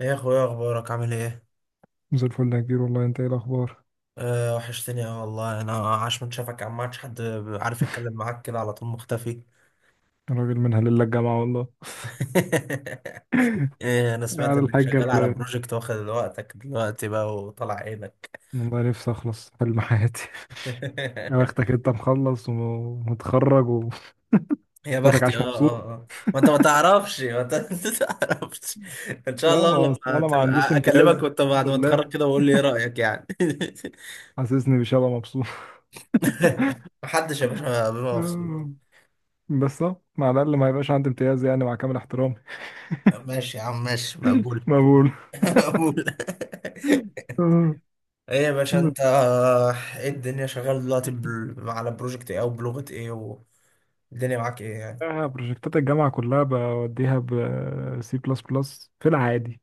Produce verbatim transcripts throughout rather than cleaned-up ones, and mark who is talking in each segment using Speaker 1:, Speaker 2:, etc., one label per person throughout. Speaker 1: ايه يا اخويا، اخبارك؟ عامل ايه؟
Speaker 2: زي الفل يا كبير، والله انت ايه الاخبار؟
Speaker 1: أه وحشتني، اه والله. انا عاش من شافك يا عم، ما عادش حد عارف يتكلم معاك كده على طول مختفي.
Speaker 2: الراجل منها لله الجامعه والله.
Speaker 1: إيه، انا سمعت
Speaker 2: على
Speaker 1: انك
Speaker 2: الحاجه
Speaker 1: شغال على
Speaker 2: اللي،
Speaker 1: بروجكت واخد وقتك دلوقتي بقى وطلع عينك.
Speaker 2: والله نفسي اخلص حلم حياتي. يا بختك انت مخلص ومتخرج وفتك.
Speaker 1: يا بختي، اه
Speaker 2: عاش
Speaker 1: اه
Speaker 2: مبسوط.
Speaker 1: اه. ما انت ما تعرفش، ما انت ما تعرفش. ان شاء
Speaker 2: لا،
Speaker 1: الله
Speaker 2: ما اصل
Speaker 1: لما
Speaker 2: انا ما عنديش
Speaker 1: تبقى
Speaker 2: امتياز
Speaker 1: اكلمك وانت
Speaker 2: الحمد
Speaker 1: بعد ما تتخرج
Speaker 2: لله.
Speaker 1: كده وقول لي ايه رايك يعني.
Speaker 2: حاسسني بشبه مبسوط.
Speaker 1: محدش يا باشا بيبقى مبسوط.
Speaker 2: آه، بس اه مع الاقل ما يبقاش عندي امتياز، يعني مع كامل احترامي.
Speaker 1: ماشي يا عم، ماشي مقبول.
Speaker 2: مقبول.
Speaker 1: مقبول.
Speaker 2: آه.
Speaker 1: ايه يا باشا انت، ايه الدنيا؟ شغال دلوقتي بال- على بروجكت ايه او بلغة ايه؟ والدنيا معاك ايه يعني؟
Speaker 2: آه، بروجكتات الجامعه كلها بوديها ب سي بلس بلس في العادي.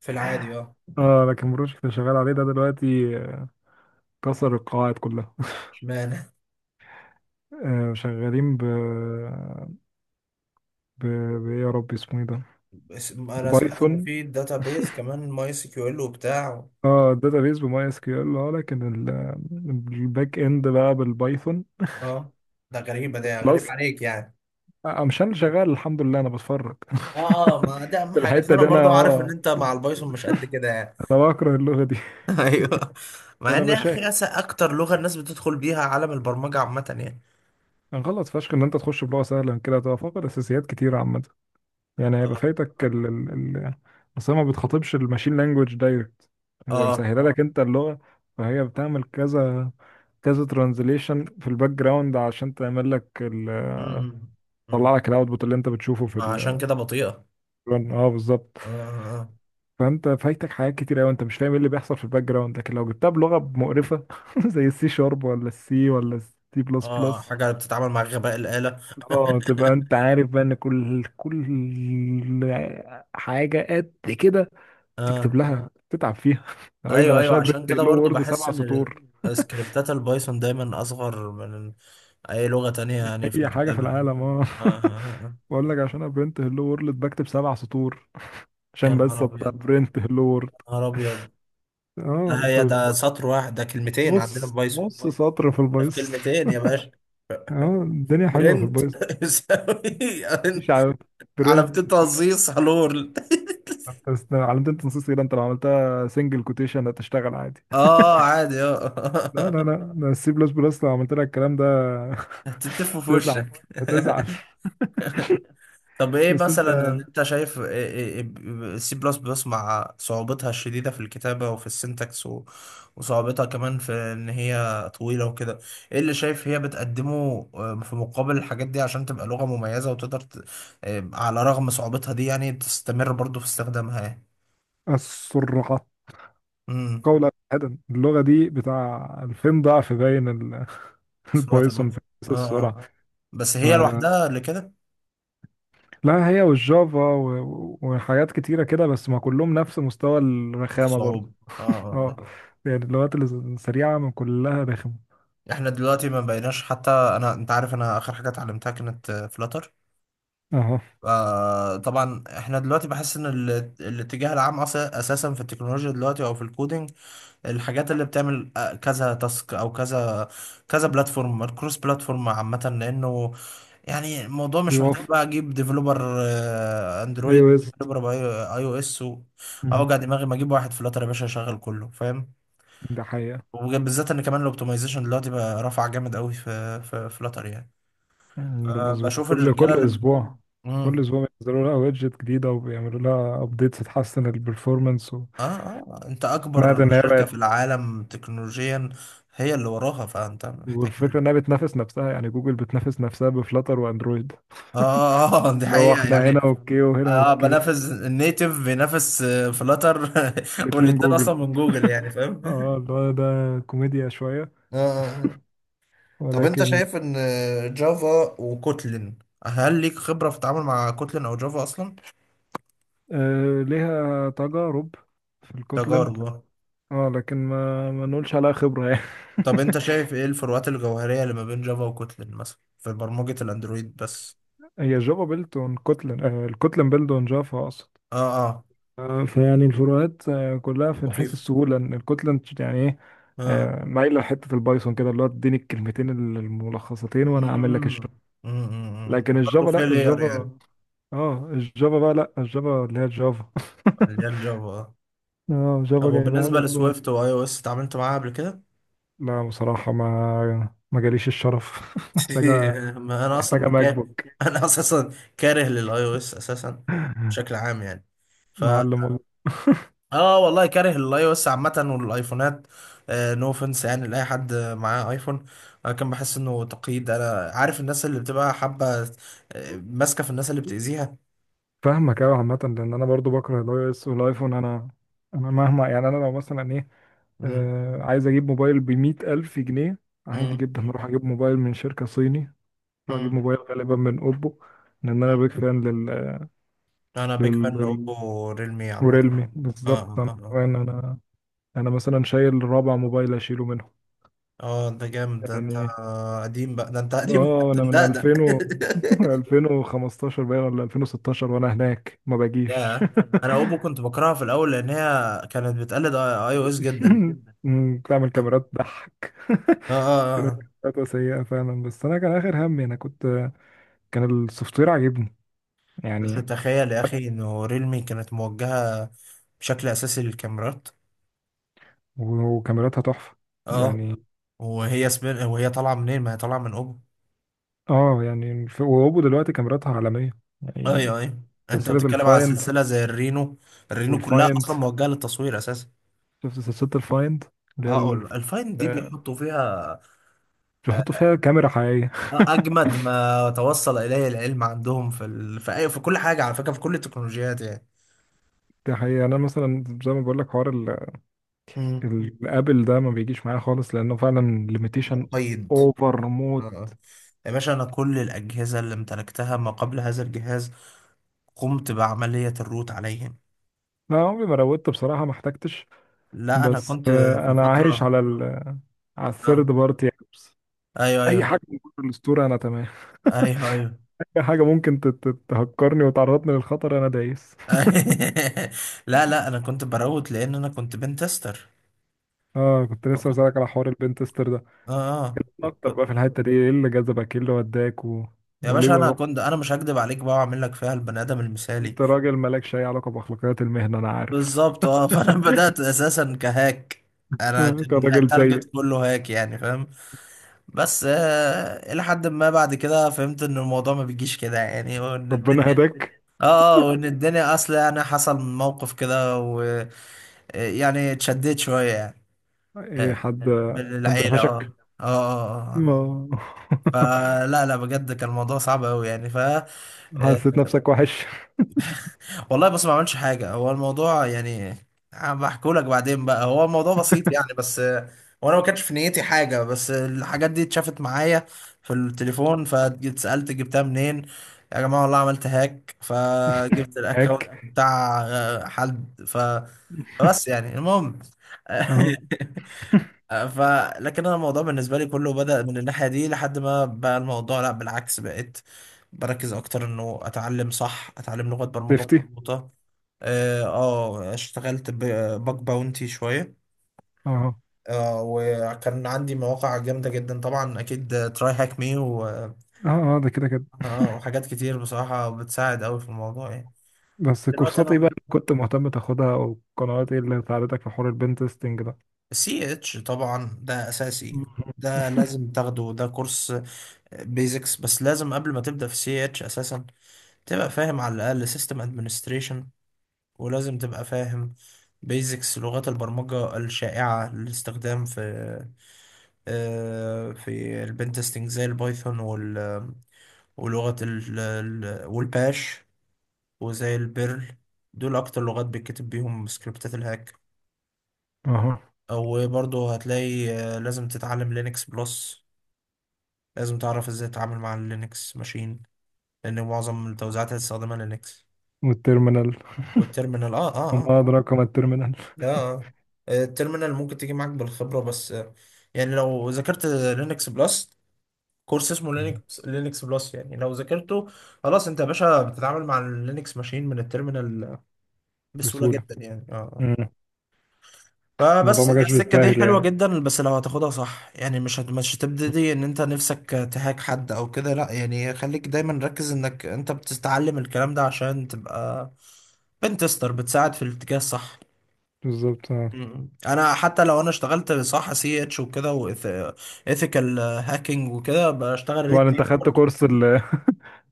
Speaker 1: في العادي اه.
Speaker 2: اه، لكن البروجكت اللي شغال عليه ده دلوقتي كسر القواعد كلها.
Speaker 1: اشمعنى؟
Speaker 2: آه، شغالين ب ب ب- إيه يا رب اسمه ايه ده؟
Speaker 1: بس انا سمعت ان
Speaker 2: بايثون.
Speaker 1: في بيز كمان، ماي سي كيو ال وبتاع.
Speaker 2: اه، بيز بماي اس كيو ال. اه لكن ال- الباك اند بقى بالبايثون.
Speaker 1: اه ده غريبة، ده غريب
Speaker 2: فلاسك.
Speaker 1: عليك يعني.
Speaker 2: آه، مش انا اللي شغال الحمد لله، انا بتفرج.
Speaker 1: اه اه، ما ده اهم
Speaker 2: في
Speaker 1: حاجة. بس
Speaker 2: الحته
Speaker 1: انا
Speaker 2: دي انا،
Speaker 1: برضو عارف ان
Speaker 2: اه،
Speaker 1: انت مع البايثون مش قد كده يعني.
Speaker 2: انا بكره اللغه دي.
Speaker 1: ايوه. مع
Speaker 2: انا
Speaker 1: ان يا اخي
Speaker 2: بشاهد،
Speaker 1: أس- اكتر لغة الناس بتدخل بيها عالم البرمجة عامة يعني.
Speaker 2: انا غلط فشخ ان انت تخش بلغه سهله. من كده هتبقى فاقد اساسيات كتير عامه، يعني هيبقى فايتك ال ال ال اصل هي ما بتخاطبش الماشين لانجوج دايركت، هي
Speaker 1: اه.
Speaker 2: مسهله لك انت اللغه. فهي بتعمل كذا كذا ترانزليشن في الباك جراوند عشان تعمل لك ال-
Speaker 1: امم
Speaker 2: تطلع لك الاوتبوت اللي انت بتشوفه في
Speaker 1: عشان كده بطيئة.
Speaker 2: الرن. اه، بالظبط.
Speaker 1: اه اه آه.
Speaker 2: فانت فايتك حاجات كتير قوي، انت مش فاهم ايه اللي بيحصل في الباك جراوند. لكن لو جبتها بلغه مقرفه زي السي شارب، ولا السي، ولا السي بلس
Speaker 1: اه
Speaker 2: بلس،
Speaker 1: حاجة بتتعامل مع غباء الآلة.
Speaker 2: اه تبقى انت عارف بقى ان كل كل حاجه قد كده تكتب
Speaker 1: اه.
Speaker 2: لها تتعب فيها. يا راجل، ده
Speaker 1: ايوه
Speaker 2: انا
Speaker 1: ايوه،
Speaker 2: عشان أيوة.
Speaker 1: عشان
Speaker 2: ابرنت
Speaker 1: كده
Speaker 2: هلو
Speaker 1: برضو
Speaker 2: وورد
Speaker 1: بحس
Speaker 2: سبع
Speaker 1: ان
Speaker 2: سطور.
Speaker 1: سكريبتات البايثون دايما اصغر من اي لغة تانية يعني في
Speaker 2: اي حاجه في
Speaker 1: الكتابة آه.
Speaker 2: العالم، اه.
Speaker 1: آه آه. آه.
Speaker 2: بقول لك عشان ابرنت هلو وورد بكتب سبع سطور،
Speaker 1: يا
Speaker 2: عشان بس
Speaker 1: نهار ابيض،
Speaker 2: ابرنت هلو وورد.
Speaker 1: يا نهار ابيض. ده
Speaker 2: اه، في
Speaker 1: هي
Speaker 2: الب-
Speaker 1: ده سطر واحد، ده كلمتين عندنا في
Speaker 2: نص
Speaker 1: بايثون.
Speaker 2: نص سطر في
Speaker 1: ده في
Speaker 2: البايثون.
Speaker 1: كلمتين يا باشا.
Speaker 2: اه، الدنيا حلوه في
Speaker 1: برنت
Speaker 2: البايثون.
Speaker 1: يساوي
Speaker 2: مفيش، عارف؟
Speaker 1: على
Speaker 2: برنت.
Speaker 1: بتين تهزيص هلور.
Speaker 2: انت است- علامة التنصيص كده انت لو عملتها سنجل كوتيشن هتشتغل عادي.
Speaker 1: اه عادي
Speaker 2: لا
Speaker 1: اه.
Speaker 2: لا لا ده السي بلس بلس لو عملت لك الكلام ده
Speaker 1: هتتفوا في
Speaker 2: تزعل.
Speaker 1: وشك.
Speaker 2: هتزعل.
Speaker 1: طب ايه
Speaker 2: بس انت،
Speaker 1: مثلا اللي انت شايف السي بلس بلس مع صعوبتها الشديدة في الكتابة وفي السنتكس و- وصعوبتها كمان في ان هي طويلة وكده، ايه اللي شايف هي بتقدمه آه، في مقابل الحاجات دي عشان تبقى لغة مميزة وتقدر ت- آه، على رغم صعوبتها دي يعني تستمر برضو في استخدامها يعني.
Speaker 2: السرعة
Speaker 1: امم
Speaker 2: قولا واحدا، اللغة دي بتاع ألفين ضعف باين ال-
Speaker 1: سرعة
Speaker 2: البايثون
Speaker 1: البحث.
Speaker 2: في نفس
Speaker 1: اه اه.
Speaker 2: السرعة.
Speaker 1: بس
Speaker 2: ف-
Speaker 1: هي لوحدها اللي كده.
Speaker 2: لا، هي والجافا و- وحاجات كتيرة كده. بس ما كلهم نفس مستوى الرخامة برضو.
Speaker 1: صعوبة اه
Speaker 2: اه،
Speaker 1: اه
Speaker 2: يعني اللغات الس- السريعة من كلها رخمة.
Speaker 1: آه. احنا دلوقتي ما بقيناش حتى، انا انت عارف انا اخر حاجة اتعلمتها كانت فلاتر.
Speaker 2: اهو.
Speaker 1: آه طبعا، احنا دلوقتي بحس ان ال- الاتجاه العام أص- اساسا في التكنولوجيا دلوقتي او في الكودينج، الحاجات اللي بتعمل آه، كذا تاسك او كذا كذا بلاتفورم، الكروس بلاتفورم عامة لانه يعني الموضوع مش محتاج بقى
Speaker 2: بيوفر.
Speaker 1: اجيب ديفلوبر
Speaker 2: اي
Speaker 1: اندرويد،
Speaker 2: او اس.
Speaker 1: ديفلوبر اي او اس، اوجع دماغي ما اجيب واحد فلاتر يا باشا يشغل كله فاهم.
Speaker 2: ده حقيقة.
Speaker 1: وبالذات ان كمان الاوبتمايزيشن دلوقتي بقى رافع جامد قوي في في فلاتر يعني.
Speaker 2: مم، ده
Speaker 1: آه،
Speaker 2: مظبوط.
Speaker 1: بشوف
Speaker 2: كل
Speaker 1: الرجاله
Speaker 2: كل
Speaker 1: اللي
Speaker 2: اسبوع، كل
Speaker 1: مم.
Speaker 2: اسبوع بينزلوا لها ويدجت جديدة وبيعملوا لها ابديتس تحسن البرفورمانس.
Speaker 1: اه اه، انت
Speaker 2: سمعت
Speaker 1: اكبر
Speaker 2: ان هي
Speaker 1: شركة في
Speaker 2: بقت،
Speaker 1: العالم تكنولوجيا هي اللي وراها، فانت محتاج
Speaker 2: والفكرة
Speaker 1: ايه؟
Speaker 2: انها بتنافس نفسها، يعني جوجل بتنافس نفسها بفلاتر واندرويد،
Speaker 1: اه اه آه، دي
Speaker 2: اللي هو
Speaker 1: حقيقة
Speaker 2: احنا هنا
Speaker 1: يعني.
Speaker 2: اوكي وهنا
Speaker 1: اه،
Speaker 2: اوكي.
Speaker 1: بنافس النيتف، بينافس فلاتر.
Speaker 2: الاتنين
Speaker 1: والاتنين اصلا
Speaker 2: جوجل،
Speaker 1: من جوجل يعني فاهم
Speaker 2: اه
Speaker 1: اه.
Speaker 2: اللي هو ده كوميديا شوية،
Speaker 1: آه، آه. طب انت
Speaker 2: ولكن.
Speaker 1: شايف ان جافا وكوتلين، هل ليك خبرة في التعامل مع كوتلين او جافا اصلا؟
Speaker 2: آه، ليها تجارب في الكوتلن.
Speaker 1: تجارب.
Speaker 2: اه لكن ما ما نقولش عليها خبرة يعني.
Speaker 1: طب انت شايف ايه الفروقات الجوهرية اللي ما بين جافا وكوتلين مثلا في برمجة الاندرويد بس.
Speaker 2: هي جافا بيلد اون كوتلن، آه الكوتلن بيلد اون جافا اقصد.
Speaker 1: اه اه.
Speaker 2: آه، فيعني الفروقات آه كلها في حيث
Speaker 1: لطيف.
Speaker 2: السهولة، ان الكوتلن يعني ايه،
Speaker 1: اه آه.
Speaker 2: آه، مايله لحته البايثون كده، اللي هو اديني الكلمتين الملخصتين وانا اعمل لك.
Speaker 1: امم امم
Speaker 2: لكن الجافا،
Speaker 1: برضه فيها
Speaker 2: لا
Speaker 1: لاير يعني.
Speaker 2: الجافا، اه الجافا بقى، لا الجافا اللي هي الجافا.
Speaker 1: اللي هي الجافا آه.
Speaker 2: اه،
Speaker 1: طب
Speaker 2: جافا جايبها
Speaker 1: وبالنسبة
Speaker 2: برضو من.
Speaker 1: لسويفت واي او اس، اتعاملت معاها قبل كده؟
Speaker 2: لا بصراحة، ما ما جاليش الشرف. محتاجة،
Speaker 1: ما انا
Speaker 2: محتاجة
Speaker 1: اصلا
Speaker 2: ماك
Speaker 1: كاره.
Speaker 2: بوك.
Speaker 1: انا اساسا كاره للاي او اس اساسا، بشكل عام يعني. ف
Speaker 2: معلم والله.
Speaker 1: اه والله، كاره للاي او اس عامة والايفونات. نو اوفنس يعني لاي حد معاه ايفون. لكن بحس انه تقييد، انا عارف الناس اللي بتبقى حابة آه، ماسكة في الناس اللي بتأذيها.
Speaker 2: فاهمك أوي عامة، لأن أنا برضو بكره الأي إس والأيفون. أنا، أنا مهما، يعني أنا لو مثلا إيه،
Speaker 1: امم
Speaker 2: آه عايز أجيب موبايل بمية ألف جنيه، عادي
Speaker 1: امم
Speaker 2: جدا أروح أجيب موبايل من شركة صيني. أروح أجيب
Speaker 1: امم
Speaker 2: موبايل غالبا من أوبو، لأن أنا بيك فان لل...
Speaker 1: انا بيك فان
Speaker 2: لل...
Speaker 1: اوبو ريلمي عامه.
Speaker 2: وريلمي
Speaker 1: اه
Speaker 2: بالظبط.
Speaker 1: اه
Speaker 2: انا
Speaker 1: اه.
Speaker 2: كمان انا، انا مثلا شايل رابع موبايل اشيله منهم
Speaker 1: اه ده جامد، ده انت
Speaker 2: يعني.
Speaker 1: قديم بقى، ده انت قديم. ده
Speaker 2: اه،
Speaker 1: انت
Speaker 2: انا من
Speaker 1: مدقدق.
Speaker 2: ألفين و ألفين وخمستاشر باين ولا ألفين وستاشر، وانا هناك ما باجيش.
Speaker 1: يا، انا اوبو كنت بكرهها في الاول لان هي كانت بتقلد اي او اس جدا.
Speaker 2: أمم. بتعمل
Speaker 1: اه
Speaker 2: كاميرات ضحك.
Speaker 1: اه اه
Speaker 2: كانت
Speaker 1: آه.
Speaker 2: فترة سيئة فعلا. بس أنا كان آخر همي، أنا كنت، كان السوفت وير عاجبني
Speaker 1: بس
Speaker 2: يعني.
Speaker 1: تخيل يا اخي انه ريلمي كانت موجهه بشكل اساسي للكاميرات.
Speaker 2: و- وكاميراتها تحفة
Speaker 1: اه،
Speaker 2: يعني.
Speaker 1: وهي سبين وهي طالعه منين؟ ما هي طالعه من اوبو.
Speaker 2: اه، يعني ف- وهوبو دلوقتي كاميراتها عالمية
Speaker 1: اي
Speaker 2: يعني.
Speaker 1: اي، انت
Speaker 2: سلسلة
Speaker 1: بتتكلم على
Speaker 2: الفايند،
Speaker 1: سلسله زي الرينو. الرينو كلها
Speaker 2: والفايند.
Speaker 1: اصلا موجهه للتصوير اساسا.
Speaker 2: شفت سلسلة الفايند؟ اللي هي ال-،
Speaker 1: اقول الفاين دي
Speaker 2: آه،
Speaker 1: بيحطوا فيها
Speaker 2: بيحطوا
Speaker 1: آه،
Speaker 2: فيها كاميرا حقيقية.
Speaker 1: آه، اجمد ما توصل اليه العلم عندهم في ال... في، أي... في كل حاجه على فكره، في كل التكنولوجيات يعني.
Speaker 2: دي حقيقة يعني. أنا مثلا زي ما بقول لك حوار ال-
Speaker 1: مم.
Speaker 2: ال- الآبل ده ما بيجيش معايا خالص، لأنه فعلا ليميتيشن
Speaker 1: مقيد.
Speaker 2: أوفر
Speaker 1: آه.
Speaker 2: موت.
Speaker 1: آه. يا باشا انا كل الاجهزه اللي امتلكتها ما قبل هذا الجهاز قمت بعمليه الروت عليهم.
Speaker 2: لا، عمري ما روضت بصراحة، ما احتجتش.
Speaker 1: لا انا
Speaker 2: بس
Speaker 1: كنت
Speaker 2: آه،
Speaker 1: في
Speaker 2: أنا عايش
Speaker 1: فتره
Speaker 2: على ال على الثيرد
Speaker 1: آه.
Speaker 2: بارتي أبس.
Speaker 1: ايوه ايوه.
Speaker 2: أي حاجة من كتر الأسطورة أنا تمام.
Speaker 1: ايوه ايوه.
Speaker 2: أي حاجة ممكن ت- ت- تهكرني وتعرضني للخطر أنا دايس.
Speaker 1: لا لا، انا كنت بروت لان انا كنت بنتستر.
Speaker 2: أه، كنت لسه
Speaker 1: فكنت
Speaker 2: بسألك على حوار البنتستر ده.
Speaker 1: اه
Speaker 2: أكتر
Speaker 1: آه.
Speaker 2: بقى في الحتة دي، إيه اللي جذبك، إيه اللي وداك و...
Speaker 1: يا
Speaker 2: وليه؟
Speaker 1: باشا انا كنت، انا مش هكدب عليك بقى واعمل لك فيها البني ادم المثالي.
Speaker 2: انت راجل مالكش اي علاقة بأخلاقيات المهنة انا عارف.
Speaker 1: بالظبط اه. فانا بدات اساسا كهاك. انا
Speaker 2: انت
Speaker 1: كان
Speaker 2: راجل سيء.
Speaker 1: التارجت كله هاك يعني فاهم. بس آه، الى حد ما بعد كده فهمت ان الموضوع ما بيجيش كده يعني، وان
Speaker 2: ربنا
Speaker 1: الدنيا
Speaker 2: هداك.
Speaker 1: اه آه، وان الدنيا اصلا يعني حصل موقف كده ويعني اتشديت شويه يعني. آه،
Speaker 2: ايه، حد،
Speaker 1: من
Speaker 2: حد
Speaker 1: العيله اه.
Speaker 2: قفشك؟
Speaker 1: اه اه آه. آه.
Speaker 2: ما.
Speaker 1: فلا لا، بجد كان الموضوع صعب قوي يعني ف آه،
Speaker 2: حسيت نفسك وحش؟
Speaker 1: والله بس ما عملش حاجة هو الموضوع يعني، بحكوا لك بعدين بقى، هو الموضوع بسيط يعني بس آه، وانا ما كانش في نيتي حاجة بس الحاجات دي اتشافت معايا في التليفون، فاتسألت جبتها منين. يا جماعة والله عملت هاك، فجبت الاكونت
Speaker 2: هيك.
Speaker 1: بتاع آه، حد ف فبس يعني المهم.
Speaker 2: اهو.
Speaker 1: آه، ف. لكن انا الموضوع بالنسبه لي كله بدأ من الناحيه دي، لحد ما بقى الموضوع لا بالعكس، بقيت بركز اكتر انه اتعلم صح، اتعلم لغه برمجه
Speaker 2: شفتي.
Speaker 1: مظبوطه. اه آه، اشتغلت بباك باونتي شويه.
Speaker 2: اهو.
Speaker 1: آه وكان عندي مواقع جامده جدا طبعا، اكيد تراي هاك مي و
Speaker 2: اه اه، ده كده كده.
Speaker 1: آه، وحاجات كتير بصراحه بتساعد قوي في الموضوع يعني.
Speaker 2: بس
Speaker 1: دلوقتي
Speaker 2: كورسات ايه بقى
Speaker 1: انا،
Speaker 2: اللي كنت مهتم تاخدها، او قنوات ايه اللي ساعدتك في حوار البنت تيستنج ده؟
Speaker 1: سي اتش طبعا ده اساسي، ده لازم تاخده ده كورس. بيزكس بس لازم قبل ما تبدأ في سي اتش اساسا تبقى فاهم على الأقل سيستم ادمنستريشن، ولازم تبقى فاهم بيزكس لغات البرمجة الشائعة للاستخدام في آه، في البن تيستنج زي البايثون وال ولغة ال ال- والباش وزي البيرل. دول أكتر لغات بيتكتب بيهم سكريبتات الهاك.
Speaker 2: اهو.
Speaker 1: أو برضه هتلاقي آه، لازم تتعلم لينكس بلس، لازم تعرف ازاي تتعامل مع اللينكس ماشين، لأن معظم التوزيعات هتستخدمها لينكس.
Speaker 2: والترمينال.
Speaker 1: والتيرمينال اه اه آه.
Speaker 2: وما ادراك ما الترمينال.
Speaker 1: اه التيرمينال ممكن تيجي معاك بالخبرة، بس آه، يعني لو ذاكرت لينكس بلس، كورس اسمه لينكس، لينكس بلس يعني لو ذاكرته خلاص، انت يا باشا بتتعامل مع اللينكس ماشين من التيرمينال بسهولة
Speaker 2: بسهولة.
Speaker 1: جدا يعني اه.
Speaker 2: مم. الموضوع
Speaker 1: فبس
Speaker 2: ما
Speaker 1: هي
Speaker 2: جاش
Speaker 1: السكة دي
Speaker 2: بالساهل
Speaker 1: حلوة
Speaker 2: يعني.
Speaker 1: جدا، بس لو هتاخدها صح يعني، مش هت- مش هتبتدي ان انت نفسك تهاك حد او كده لا يعني، خليك دايما ركز انك انت بتتعلم الكلام ده عشان تبقى بنتستر، بتساعد في الاتجاه الصح.
Speaker 2: بالظبط، اه.
Speaker 1: مم. انا حتى لو انا اشتغلت صح سي اتش وكده وايثيكال هاكينج وكده بشتغل ريد
Speaker 2: طبعا انت
Speaker 1: تيم
Speaker 2: خدت
Speaker 1: برضه.
Speaker 2: كورس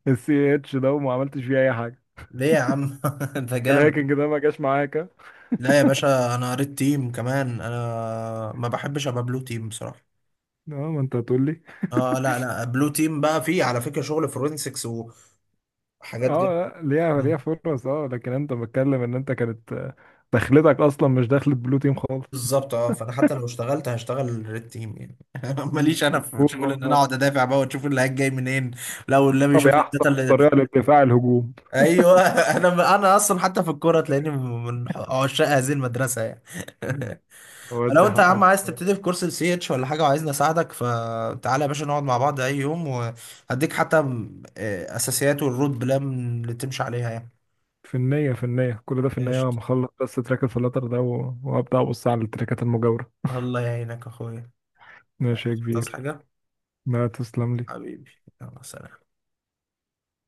Speaker 2: السي إيه اتش ده وما عملتش فيه اي حاجه.
Speaker 1: ليه يا عم؟ انت جامد.
Speaker 2: الهاكينج ده ما جاش معاك اه.
Speaker 1: لا يا باشا، انا ريد تيم كمان، انا ما بحبش ابقى بلو تيم بصراحه.
Speaker 2: ما انت هتقول لي.
Speaker 1: اه لا لا، بلو تيم بقى فيه على فكره شغل فورنسكس وحاجات
Speaker 2: اه
Speaker 1: جد.
Speaker 2: لا، ليها ليها فرص. اه لكن انت بتكلم ان انت كانت آه، دخلتك اصلا مش دخلت بلو تيم خالص.
Speaker 1: بالظبط اه. فانا حتى لو اشتغلت هشتغل ريد تيم يعني.
Speaker 2: مم.
Speaker 1: ماليش انا في شغل ان
Speaker 2: هجوم،
Speaker 1: انا
Speaker 2: آه.
Speaker 1: اقعد ادافع بقى وتشوف اللي جاي منين. لو اللي
Speaker 2: طب
Speaker 1: بيشوف لي
Speaker 2: يا احسن
Speaker 1: الداتا اللي.
Speaker 2: طريقه للدفاع الهجوم.
Speaker 1: ايوه. انا انا اصلا حتى في الكوره تلاقيني من عشاق هذه المدرسه يعني.
Speaker 2: مم.
Speaker 1: لو
Speaker 2: ودي
Speaker 1: انت يا
Speaker 2: حقك
Speaker 1: عم عايز
Speaker 2: بصراحه.
Speaker 1: تبتدي في كورس السي اتش ولا حاجه وعايزني اساعدك، فتعالى يا باشا نقعد مع بعض اي يوم وهديك حتى م- آه، اساسيات والرود بلان اللي تمشي عليها يعني.
Speaker 2: في النية، في النية، كل ده في النية.
Speaker 1: قشطة.
Speaker 2: ما اخلص بس تراك الفلاتر ده و- وابدا ابص على التراكات المجاورة.
Speaker 1: الله يعينك يا اخويا.
Speaker 2: ماشي يا
Speaker 1: تصحى
Speaker 2: كبير.
Speaker 1: حاجه؟
Speaker 2: ما تسلم لي.
Speaker 1: حبيبي، يلا سلام.